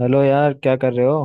Hello यार, क्या कर रहे हो?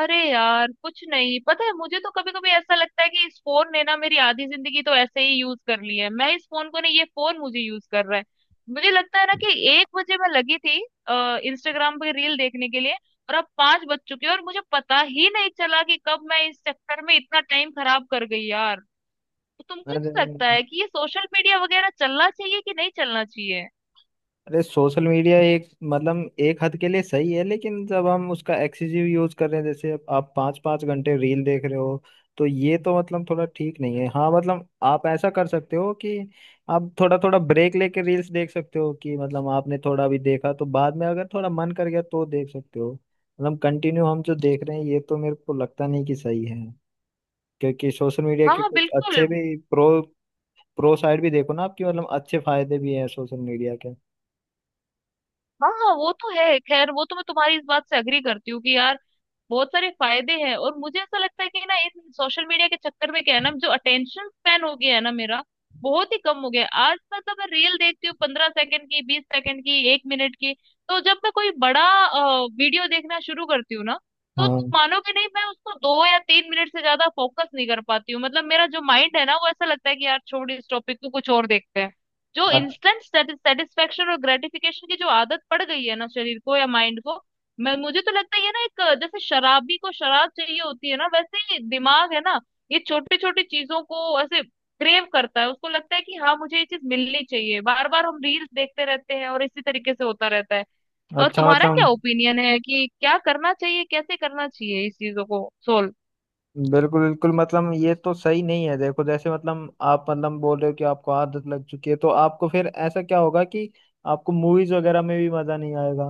अरे यार, कुछ नहीं पता है मुझे। तो कभी कभी ऐसा लगता है कि इस फोन ने ना मेरी आधी जिंदगी तो ऐसे ही यूज कर ली है। मैं इस फोन को नहीं, ये फोन मुझे यूज कर रहा है। मुझे लगता है ना कि 1 बजे मैं लगी थी इंस्टाग्राम पे रील देखने के लिए, और अब 5 बज चुके हैं और मुझे पता ही नहीं चला कि कब मैं इस चक्कर में इतना टाइम खराब कर गई यार। तो तुमको अरे, क्या लगता है कि ये सोशल मीडिया वगैरह चलना चाहिए कि नहीं चलना चाहिए? अरे, सोशल मीडिया एक मतलब एक हद के लिए सही है, लेकिन जब हम उसका एक्सेसिव यूज कर रहे हैं, जैसे अब आप पाँच पाँच घंटे रील देख रहे हो, तो ये तो मतलब थोड़ा ठीक नहीं है। हाँ, मतलब आप ऐसा कर सकते हो कि आप थोड़ा थोड़ा ब्रेक लेके रील्स देख सकते हो, कि मतलब आपने थोड़ा अभी देखा तो बाद में अगर थोड़ा मन कर गया तो देख सकते हो। मतलब कंटिन्यू हम जो देख रहे हैं, ये तो मेरे को लगता नहीं कि सही है। क्योंकि सोशल मीडिया हाँ के हाँ कुछ बिल्कुल। अच्छे भी प्रो प्रो साइड भी देखो ना, आपकी मतलब अच्छे फायदे भी हैं सोशल मीडिया के। हाँ हाँ वो तो है। खैर, वो तो मैं तुम्हारी इस बात से अग्री करती हूँ कि यार बहुत सारे फायदे हैं। और मुझे ऐसा लगता है कि ना, इन सोशल मीडिया के चक्कर में क्या है ना, जो अटेंशन स्पैन हो गया है ना मेरा, बहुत ही कम हो गया है। आज मतलब मैं रील देखती हूँ 15 सेकंड की, 20 सेकंड की, 1 मिनट की। तो जब मैं कोई बड़ा वीडियो देखना शुरू करती हूँ ना, तो हाँ। मानोगे नहीं, मैं उसको 2 या 3 मिनट से ज्यादा फोकस नहीं कर पाती हूँ। मतलब मेरा जो माइंड है ना, वो ऐसा लगता है कि यार छोड़ इस टॉपिक को, कुछ और देखते हैं। जो अ- इंस्टेंट सेटिस्फेक्शन और ग्रेटिफिकेशन की जो आदत पड़ गई है ना शरीर को या माइंड को, मैं मुझे तो लगता है ये ना, एक जैसे शराबी को शराब चाहिए होती है ना, वैसे ही दिमाग है ना। ये छोटी छोटी चीजों को ऐसे क्रेव करता है, उसको लगता है कि हाँ मुझे ये चीज मिलनी चाहिए, बार बार हम रील्स देखते रहते हैं और इसी तरीके से होता रहता है। और अच्छा, तुम्हारा क्या मतलब ओपिनियन है कि क्या करना चाहिए, कैसे करना चाहिए इस चीजों को सोल्व? बिल्कुल बिल्कुल, मतलब ये तो सही नहीं है। देखो जैसे मतलब, आप मतलब बोल रहे हो कि आपको आदत लग चुकी है, तो आपको फिर ऐसा क्या होगा कि आपको मूवीज वगैरह में भी मजा नहीं आएगा।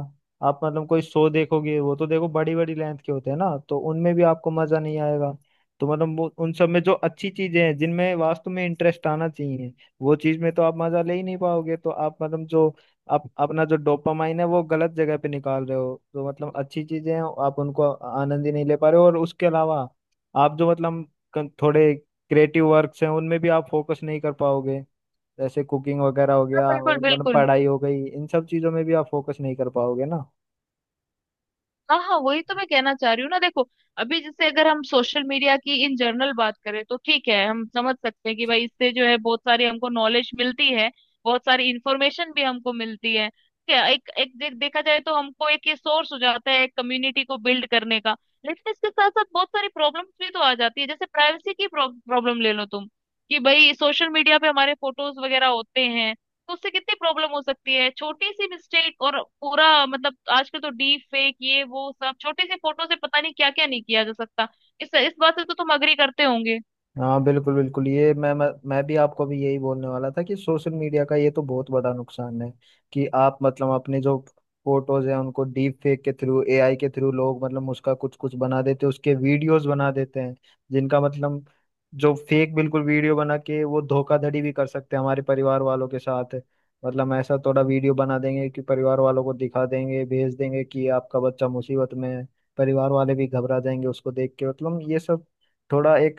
आप मतलब कोई शो देखोगे, वो तो देखो बड़ी बड़ी लेंथ के होते हैं ना, तो उनमें भी आपको मजा नहीं आएगा। तो मतलब वो उन सब में जो अच्छी चीजें हैं, जिनमें वास्तव में इंटरेस्ट आना चाहिए, वो चीज में तो आप मजा ले ही नहीं पाओगे। तो आप मतलब जो, आप अपना जो डोपामाइन है वो गलत जगह पे निकाल रहे हो। तो मतलब अच्छी चीजें हैं, आप उनको आनंद ही नहीं ले पा रहे हो, और उसके अलावा आप जो मतलब थोड़े क्रिएटिव वर्क्स हैं, उनमें भी आप फोकस नहीं कर पाओगे। जैसे कुकिंग वगैरह हो गया, बिल्कुल और मतलब बिल्कुल। पढ़ाई हो गई, इन सब चीज़ों में भी आप फोकस नहीं कर पाओगे ना। हाँ हाँ, वही तो मैं कहना चाह रही हूँ ना। देखो, अभी जैसे अगर हम सोशल मीडिया की इन जनरल बात करें तो ठीक है, हम समझ सकते हैं कि भाई इससे जो है बहुत सारी हमको नॉलेज मिलती है, बहुत सारी इंफॉर्मेशन भी हमको मिलती है। क्या एक एक देखा जाए तो हमको एक ये सोर्स हो जाता है एक कम्युनिटी को बिल्ड करने का। लेकिन इसके साथ साथ बहुत सारी प्रॉब्लम्स भी तो आ जाती है। जैसे प्राइवेसी की प्रॉब्लम ले लो तुम, कि भाई सोशल मीडिया पे हमारे फोटोज वगैरह होते हैं, तो उससे कितनी प्रॉब्लम हो सकती है। छोटी सी मिस्टेक और पूरा मतलब, आजकल तो डीप फेक ये वो सब, छोटी सी फोटो से पता नहीं क्या क्या नहीं किया जा सकता। इस बात से तो तुम अग्री करते होंगे। हाँ, बिल्कुल बिल्कुल, ये मैं भी आपको भी यही बोलने वाला था कि सोशल मीडिया का ये तो बहुत बड़ा नुकसान है कि आप मतलब अपने जो फोटोज हैं उनको डीप फेक के थ्रू, एआई के थ्रू लोग मतलब उसका कुछ कुछ बना देते हैं, उसके वीडियोस बना देते हैं, जिनका मतलब जो फेक बिल्कुल वीडियो बना के वो धोखाधड़ी भी कर सकते हैं हमारे परिवार वालों के साथ। मतलब ऐसा थोड़ा वीडियो बना देंगे कि परिवार वालों को दिखा देंगे, भेज देंगे कि आपका बच्चा मुसीबत में है, परिवार वाले भी घबरा जाएंगे उसको देख के। मतलब ये सब थोड़ा एक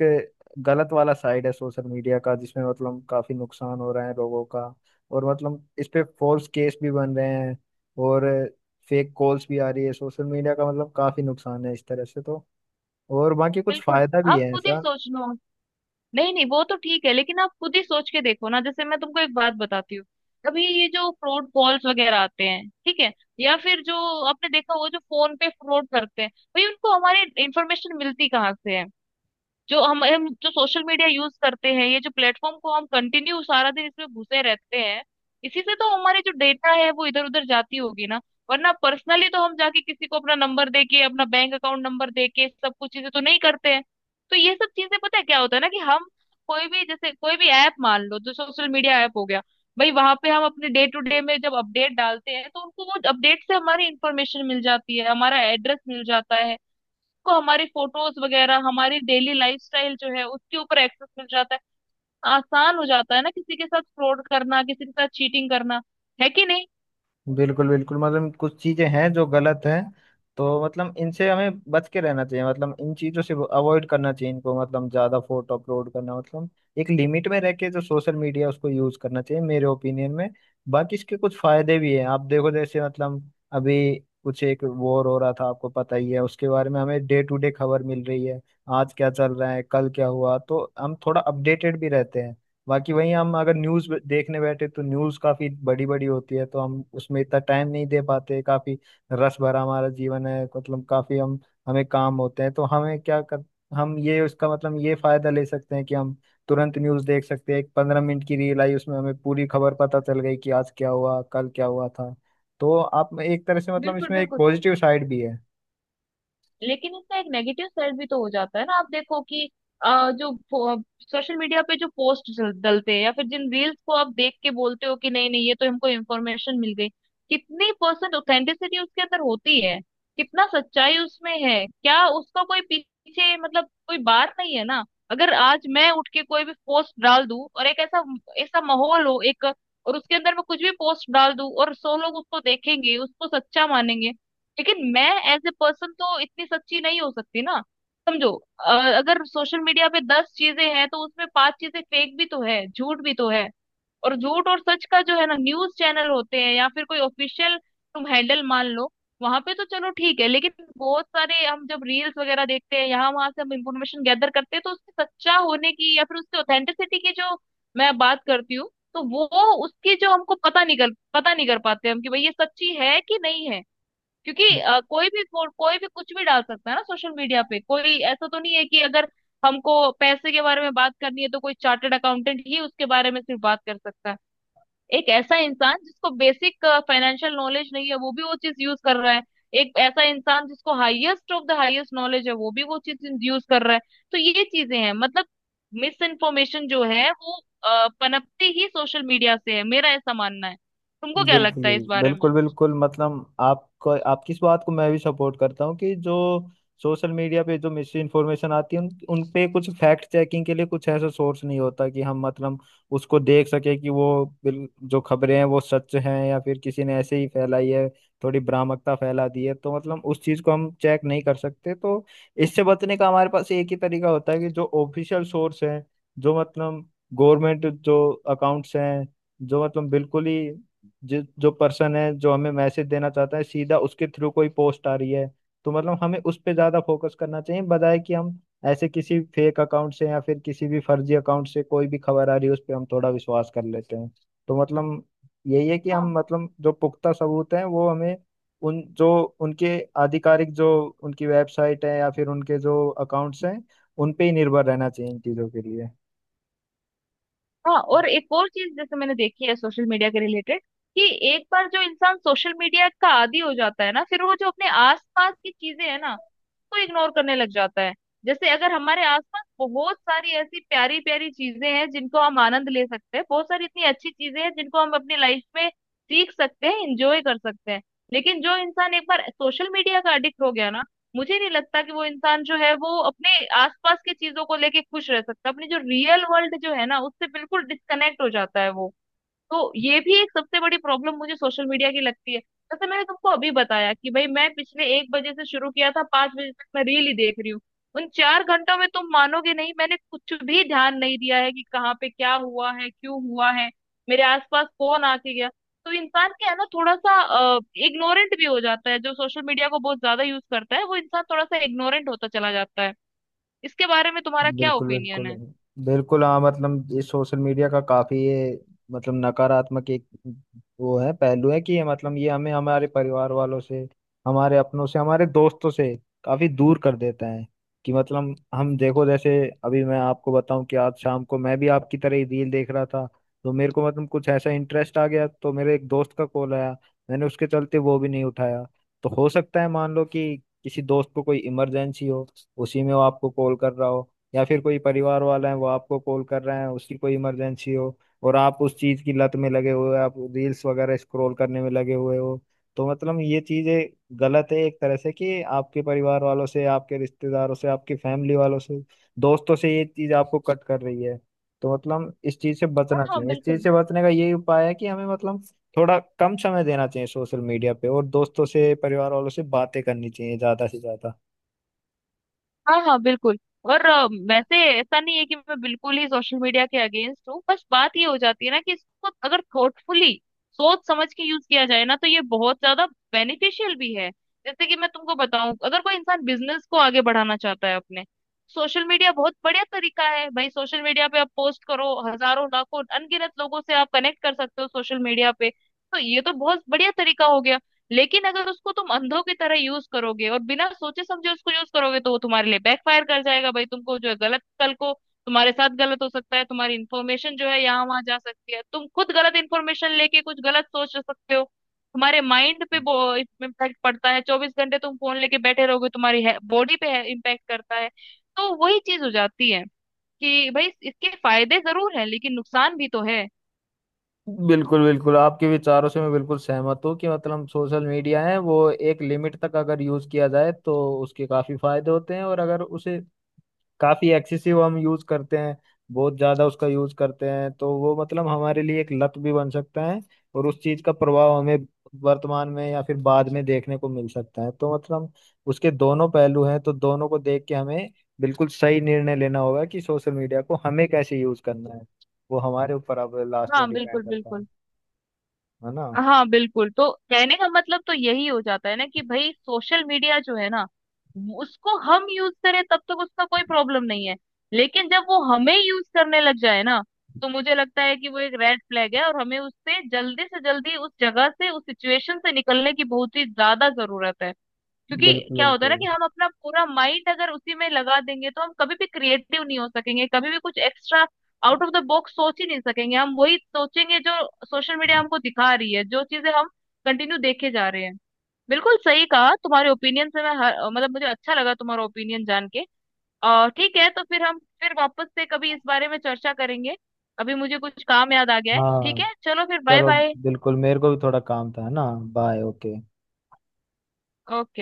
गलत वाला साइड है सोशल मीडिया का, जिसमें मतलब काफी नुकसान हो रहा है लोगों का। और मतलब इस पे फॉल्स केस भी बन रहे हैं, और फेक कॉल्स भी आ रही है। सोशल मीडिया का मतलब काफी नुकसान है इस तरह से तो, और बाकी कुछ बिल्कुल। फायदा भी आप है खुद ही ऐसा। सोच लो। नहीं नहीं वो तो ठीक है, लेकिन आप खुद ही सोच के देखो ना। जैसे मैं तुमको एक बात बताती हूँ, अभी ये जो फ्रॉड कॉल्स वगैरह आते हैं, ठीक है? या फिर जो आपने देखा वो जो फोन पे फ्रॉड करते हैं, भाई उनको हमारी इंफॉर्मेशन मिलती कहाँ से है? जो हम जो सोशल मीडिया यूज करते हैं, ये जो प्लेटफॉर्म को हम कंटिन्यू सारा दिन इसमें घुसे रहते हैं, इसी से तो हमारी जो डेटा है वो इधर उधर जाती होगी ना। वरना पर्सनली तो हम जाके किसी को अपना नंबर दे के, अपना बैंक अकाउंट नंबर दे के सब कुछ चीजें तो नहीं करते हैं। तो ये सब चीजें, पता है क्या होता है ना, कि हम कोई भी, जैसे कोई भी ऐप मान लो जो सोशल मीडिया ऐप हो गया, भाई वहां पे हम अपने डे टू डे में जब अपडेट डालते हैं तो उनको, वो अपडेट से हमारी इंफॉर्मेशन मिल जाती है, हमारा एड्रेस मिल जाता है, को हमारी फोटोज वगैरह हमारी डेली लाइफस्टाइल जो है उसके ऊपर एक्सेस मिल जाता है। आसान हो जाता है ना किसी के साथ फ्रॉड करना, किसी के साथ चीटिंग करना। है कि नहीं? बिल्कुल बिल्कुल, मतलब कुछ चीजें हैं जो गलत हैं, तो मतलब इनसे हमें बच के रहना चाहिए, मतलब इन चीजों से अवॉइड करना चाहिए इनको। मतलब ज्यादा फोटो अपलोड करना मतलब, एक लिमिट में रह के जो सोशल मीडिया उसको यूज करना चाहिए मेरे ओपिनियन में। बाकी इसके कुछ फायदे भी हैं, आप देखो जैसे मतलब, अभी कुछ एक वॉर हो रहा था, आपको पता ही है उसके बारे में, हमें डे टू डे खबर मिल रही है, आज क्या चल रहा है, कल क्या हुआ, तो हम थोड़ा अपडेटेड भी रहते हैं। बाकी वहीं हम अगर न्यूज़ देखने बैठे, तो न्यूज़ काफ़ी बड़ी बड़ी होती है, तो हम उसमें इतना टाइम नहीं दे पाते। काफ़ी रस भरा हमारा जीवन है, मतलब काफ़ी हम, हमें काम होते हैं, तो हमें क्या कर, हम ये उसका मतलब ये फ़ायदा ले सकते हैं कि हम तुरंत न्यूज़ देख सकते हैं। एक 15 मिनट की रील आई, उसमें हमें पूरी खबर पता चल गई कि आज क्या हुआ, कल क्या हुआ था। तो आप एक तरह से मतलब बिल्कुल इसमें एक बिल्कुल। पॉजिटिव साइड भी है। लेकिन इसका एक नेगेटिव साइड भी तो हो जाता है ना। आप देखो कि जो सोशल मीडिया पे जो पोस्ट डलते हैं, या फिर जिन रील्स को आप देख के बोलते हो कि नहीं नहीं ये तो हमको इन्फॉर्मेशन मिल गई, कितनी परसेंट ऑथेंटिसिटी उसके अंदर होती है, कितना सच्चाई उसमें है, क्या उसका कोई पीछे मतलब कोई बात नहीं है ना। अगर आज मैं उठ के कोई भी पोस्ट डाल दूं और एक ऐसा ऐसा माहौल हो एक, और उसके अंदर मैं कुछ भी पोस्ट डाल दूं, और 100 लोग उसको देखेंगे, उसको सच्चा मानेंगे। लेकिन मैं एज ए पर्सन तो इतनी सच्ची नहीं हो सकती ना, समझो। अ, अगर सोशल मीडिया पे 10 चीजें हैं तो उसमें 5 चीजें फेक भी तो है, झूठ भी तो है। और झूठ और सच का जो है ना, न्यूज चैनल होते हैं या फिर कोई ऑफिशियल तुम हैंडल मान लो, वहां पे तो चलो ठीक है, लेकिन बहुत सारे हम जब रील्स वगैरह देखते हैं, यहाँ वहां से हम इंफॉर्मेशन गैदर करते हैं, तो उसके सच्चा होने की या फिर उसके ऑथेंटिसिटी की जो मैं बात करती हूँ, तो वो उसकी जो हमको पता नहीं कर पाते हम कि भाई ये सच्ची है कि नहीं है। क्योंकि कोई भी कोई भी कुछ भी डाल सकता है ना सोशल मीडिया पे। कोई ऐसा तो नहीं है कि अगर हमको पैसे के बारे में बात करनी है तो कोई चार्टर्ड अकाउंटेंट ही उसके बारे में सिर्फ बात कर सकता है। एक ऐसा इंसान जिसको बेसिक फाइनेंशियल नॉलेज नहीं है वो भी वो चीज यूज कर रहा है, एक ऐसा इंसान जिसको highest of the highest knowledge है वो भी वो चीज यूज कर रहा है। तो ये चीजें हैं मतलब, मिस इन्फॉर्मेशन जो है वो पनपती ही सोशल मीडिया से है, मेरा ऐसा मानना है। तुमको क्या बिल्कुल लगता है इस बारे में? बिल्कुल बिल्कुल, मतलब आपको, आपकी इस बात को मैं भी सपोर्ट करता हूँ कि जो सोशल मीडिया पे जो मिस इन्फॉर्मेशन आती है, उन उन पे कुछ फैक्ट चेकिंग के लिए कुछ ऐसा सोर्स नहीं होता कि हम मतलब उसको देख सके कि वो जो खबरें हैं वो सच हैं या फिर किसी ने ऐसे ही फैलाई है, थोड़ी भ्रामकता फैला दी है, तो मतलब उस चीज को हम चेक नहीं कर सकते। तो इससे बचने का हमारे पास एक ही तरीका होता है कि जो ऑफिशियल सोर्स है, जो मतलब गवर्नमेंट जो अकाउंट्स हैं, जो मतलब बिल्कुल ही, जो जो पर्सन है जो हमें मैसेज देना चाहता है, सीधा उसके थ्रू कोई पोस्ट आ रही है, तो मतलब हमें उस पे ज्यादा फोकस करना चाहिए, बजाय कि हम ऐसे किसी फेक अकाउंट से या फिर किसी भी फर्जी अकाउंट से कोई भी खबर आ रही है उस पे हम थोड़ा विश्वास कर लेते हैं। तो मतलब यही है कि हम हाँ मतलब जो पुख्ता सबूत हैं, वो हमें, उन जो, उनके आधिकारिक जो, उनकी वेबसाइट है या फिर उनके जो अकाउंट्स हैं, उन पे ही निर्भर रहना चाहिए इन चीजों के लिए। हाँ। और एक और चीज जैसे मैंने देखी है सोशल मीडिया के रिलेटेड, कि एक बार जो इंसान सोशल मीडिया का आदी हो जाता है ना, फिर वो जो अपने आसपास की चीजें है ना को इग्नोर करने लग जाता है। जैसे अगर हमारे आसपास बहुत सारी ऐसी प्यारी प्यारी चीजें हैं जिनको हम आनंद ले सकते हैं, बहुत सारी इतनी अच्छी चीजें हैं जिनको हम अपनी लाइफ में सीख सकते हैं, इंजॉय कर सकते हैं। लेकिन जो इंसान एक बार सोशल मीडिया का अडिक्ट हो गया ना, मुझे नहीं लगता कि वो इंसान जो है वो अपने आसपास की चीजों को लेके खुश रह सकता। अपनी जो रियल वर्ल्ड जो है ना उससे बिल्कुल डिस्कनेक्ट हो जाता है वो। तो ये भी एक सबसे बड़ी प्रॉब्लम मुझे सोशल मीडिया की लगती है। जैसे मैंने तुमको अभी बताया कि भाई मैं पिछले 1 बजे से शुरू किया था, 5 बजे तक मैं रील ही देख रही हूँ। उन 4 घंटों में तुम मानोगे नहीं, मैंने कुछ भी ध्यान नहीं दिया है कि कहाँ पे क्या हुआ है, क्यों हुआ है, मेरे आसपास कौन आके गया। तो इंसान क्या है ना, थोड़ा सा इग्नोरेंट भी हो जाता है जो सोशल मीडिया को बहुत ज्यादा यूज करता है। वो इंसान थोड़ा सा इग्नोरेंट होता चला जाता है। इसके बारे में तुम्हारा क्या बिल्कुल ओपिनियन बिल्कुल है? बिल्कुल। हाँ, मतलब ये सोशल मीडिया का काफी ये, मतलब नकारात्मक एक वो है, पहलू है कि ये मतलब ये हमें हमारे परिवार वालों से, हमारे अपनों से, हमारे दोस्तों से काफी दूर कर देता है। कि मतलब हम देखो जैसे, अभी मैं आपको बताऊं कि आज शाम को मैं भी आपकी तरह ही रील देख रहा था, तो मेरे को मतलब कुछ ऐसा इंटरेस्ट आ गया। तो मेरे एक दोस्त का कॉल आया, मैंने उसके चलते वो भी नहीं उठाया। तो हो सकता है मान लो कि किसी दोस्त को कोई इमरजेंसी हो, उसी में वो आपको कॉल कर रहा हो, या फिर कोई परिवार वाला है वो आपको कॉल कर रहे हैं, उसकी कोई इमरजेंसी हो, और आप उस चीज की लत में लगे हुए हो, आप रील्स वगैरह स्क्रॉल करने में लगे हुए हो। तो मतलब ये चीजें गलत है एक तरह से, कि आपके परिवार वालों से, आपके रिश्तेदारों से, आपकी फैमिली वालों से, दोस्तों से ये चीज आपको कट कर रही है। तो मतलब इस चीज से हाँ बचना हाँ चाहिए। इस चीज बिल्कुल। से बचने का यही उपाय है कि हमें मतलब थोड़ा कम समय देना चाहिए सोशल मीडिया पे, और दोस्तों से परिवार वालों से बातें करनी चाहिए ज्यादा से ज्यादा। हाँ हाँ बिल्कुल। और वैसे ऐसा नहीं है कि मैं बिल्कुल ही सोशल मीडिया के अगेंस्ट हूँ। बस बात ये हो जाती है ना कि इसको अगर थॉटफुली, सोच समझ के यूज किया जाए ना, तो ये बहुत ज्यादा बेनिफिशियल भी है। जैसे कि मैं तुमको बताऊं, अगर कोई इंसान बिजनेस को आगे बढ़ाना चाहता है अपने, सोशल मीडिया बहुत बढ़िया तरीका है भाई। सोशल मीडिया पे आप पोस्ट करो, हजारों लाखों अनगिनत लोगों से आप कनेक्ट कर सकते हो सोशल मीडिया पे, तो ये तो बहुत बढ़िया तरीका हो गया। लेकिन अगर उसको तुम अंधों की तरह यूज करोगे और बिना सोचे समझे उसको यूज करोगे, तो वो तुम्हारे लिए फायर कर जाएगा भाई। तुमको जो है गलत, कल को तुम्हारे साथ गलत हो सकता है, तुम्हारी इन्फॉर्मेशन जो है यहाँ वहां जा सकती है, तुम खुद गलत इन्फॉर्मेशन लेके कुछ गलत सोच सकते हो। तुम्हारे माइंड पे इम्पैक्ट पड़ता है, 24 घंटे तुम फोन लेके बैठे रहोगे तुम्हारी बॉडी पे इम्पैक्ट करता है। तो वही चीज हो जाती है कि भाई इसके फायदे जरूर हैं लेकिन नुकसान भी तो है। बिल्कुल बिल्कुल, आपके विचारों से मैं बिल्कुल सहमत हूँ कि मतलब सोशल मीडिया है वो एक लिमिट तक अगर यूज किया जाए, तो उसके काफी फायदे होते हैं, और अगर उसे काफी एक्सेसिव हम यूज करते हैं, बहुत ज्यादा उसका यूज करते हैं, तो वो मतलब हमारे लिए एक लत भी बन सकता है, और उस चीज का प्रभाव हमें वर्तमान में या फिर बाद में देखने को मिल सकता है। तो मतलब उसके दोनों पहलू हैं, तो दोनों को देख के हमें बिल्कुल सही निर्णय लेना होगा कि सोशल मीडिया को हमें कैसे यूज करना है। वो हमारे ऊपर अब लास्ट हाँ में डिपेंड बिल्कुल करता है बिल्कुल। है ना? हाँ बिल्कुल, तो कहने का मतलब तो यही हो जाता है ना कि भाई सोशल मीडिया जो है ना, उसको हम यूज करें तब तक उसका कोई प्रॉब्लम नहीं है। लेकिन जब वो हमें यूज करने लग जाए ना, तो मुझे लगता है कि वो एक रेड फ्लैग है, और हमें उससे जल्दी से जल्दी उस जगह से उस सिचुएशन से निकलने की बहुत ही ज्यादा जरूरत है। क्योंकि बिल्कुल क्या होता है ना बिल्कुल। कि हम अपना पूरा माइंड अगर उसी में लगा देंगे तो हम कभी भी क्रिएटिव नहीं हो सकेंगे, कभी भी कुछ extra out of the box सोच ही नहीं सकेंगे। हम वही सोचेंगे जो सोशल मीडिया हमको दिखा रही है, जो चीजें हम कंटिन्यू देखे जा रहे हैं। बिल्कुल सही कहा, तुम्हारे ओपिनियन से मैं मतलब मुझे अच्छा लगा तुम्हारा ओपिनियन जान के। और ठीक है, तो फिर हम फिर वापस से कभी इस बारे में चर्चा करेंगे। अभी मुझे कुछ काम याद आ गया है, ठीक हाँ, है? चलो फिर, बाय चलो, बाय। बिल्कुल मेरे को भी थोड़ा काम था, है ना? Bye, okay. ओके।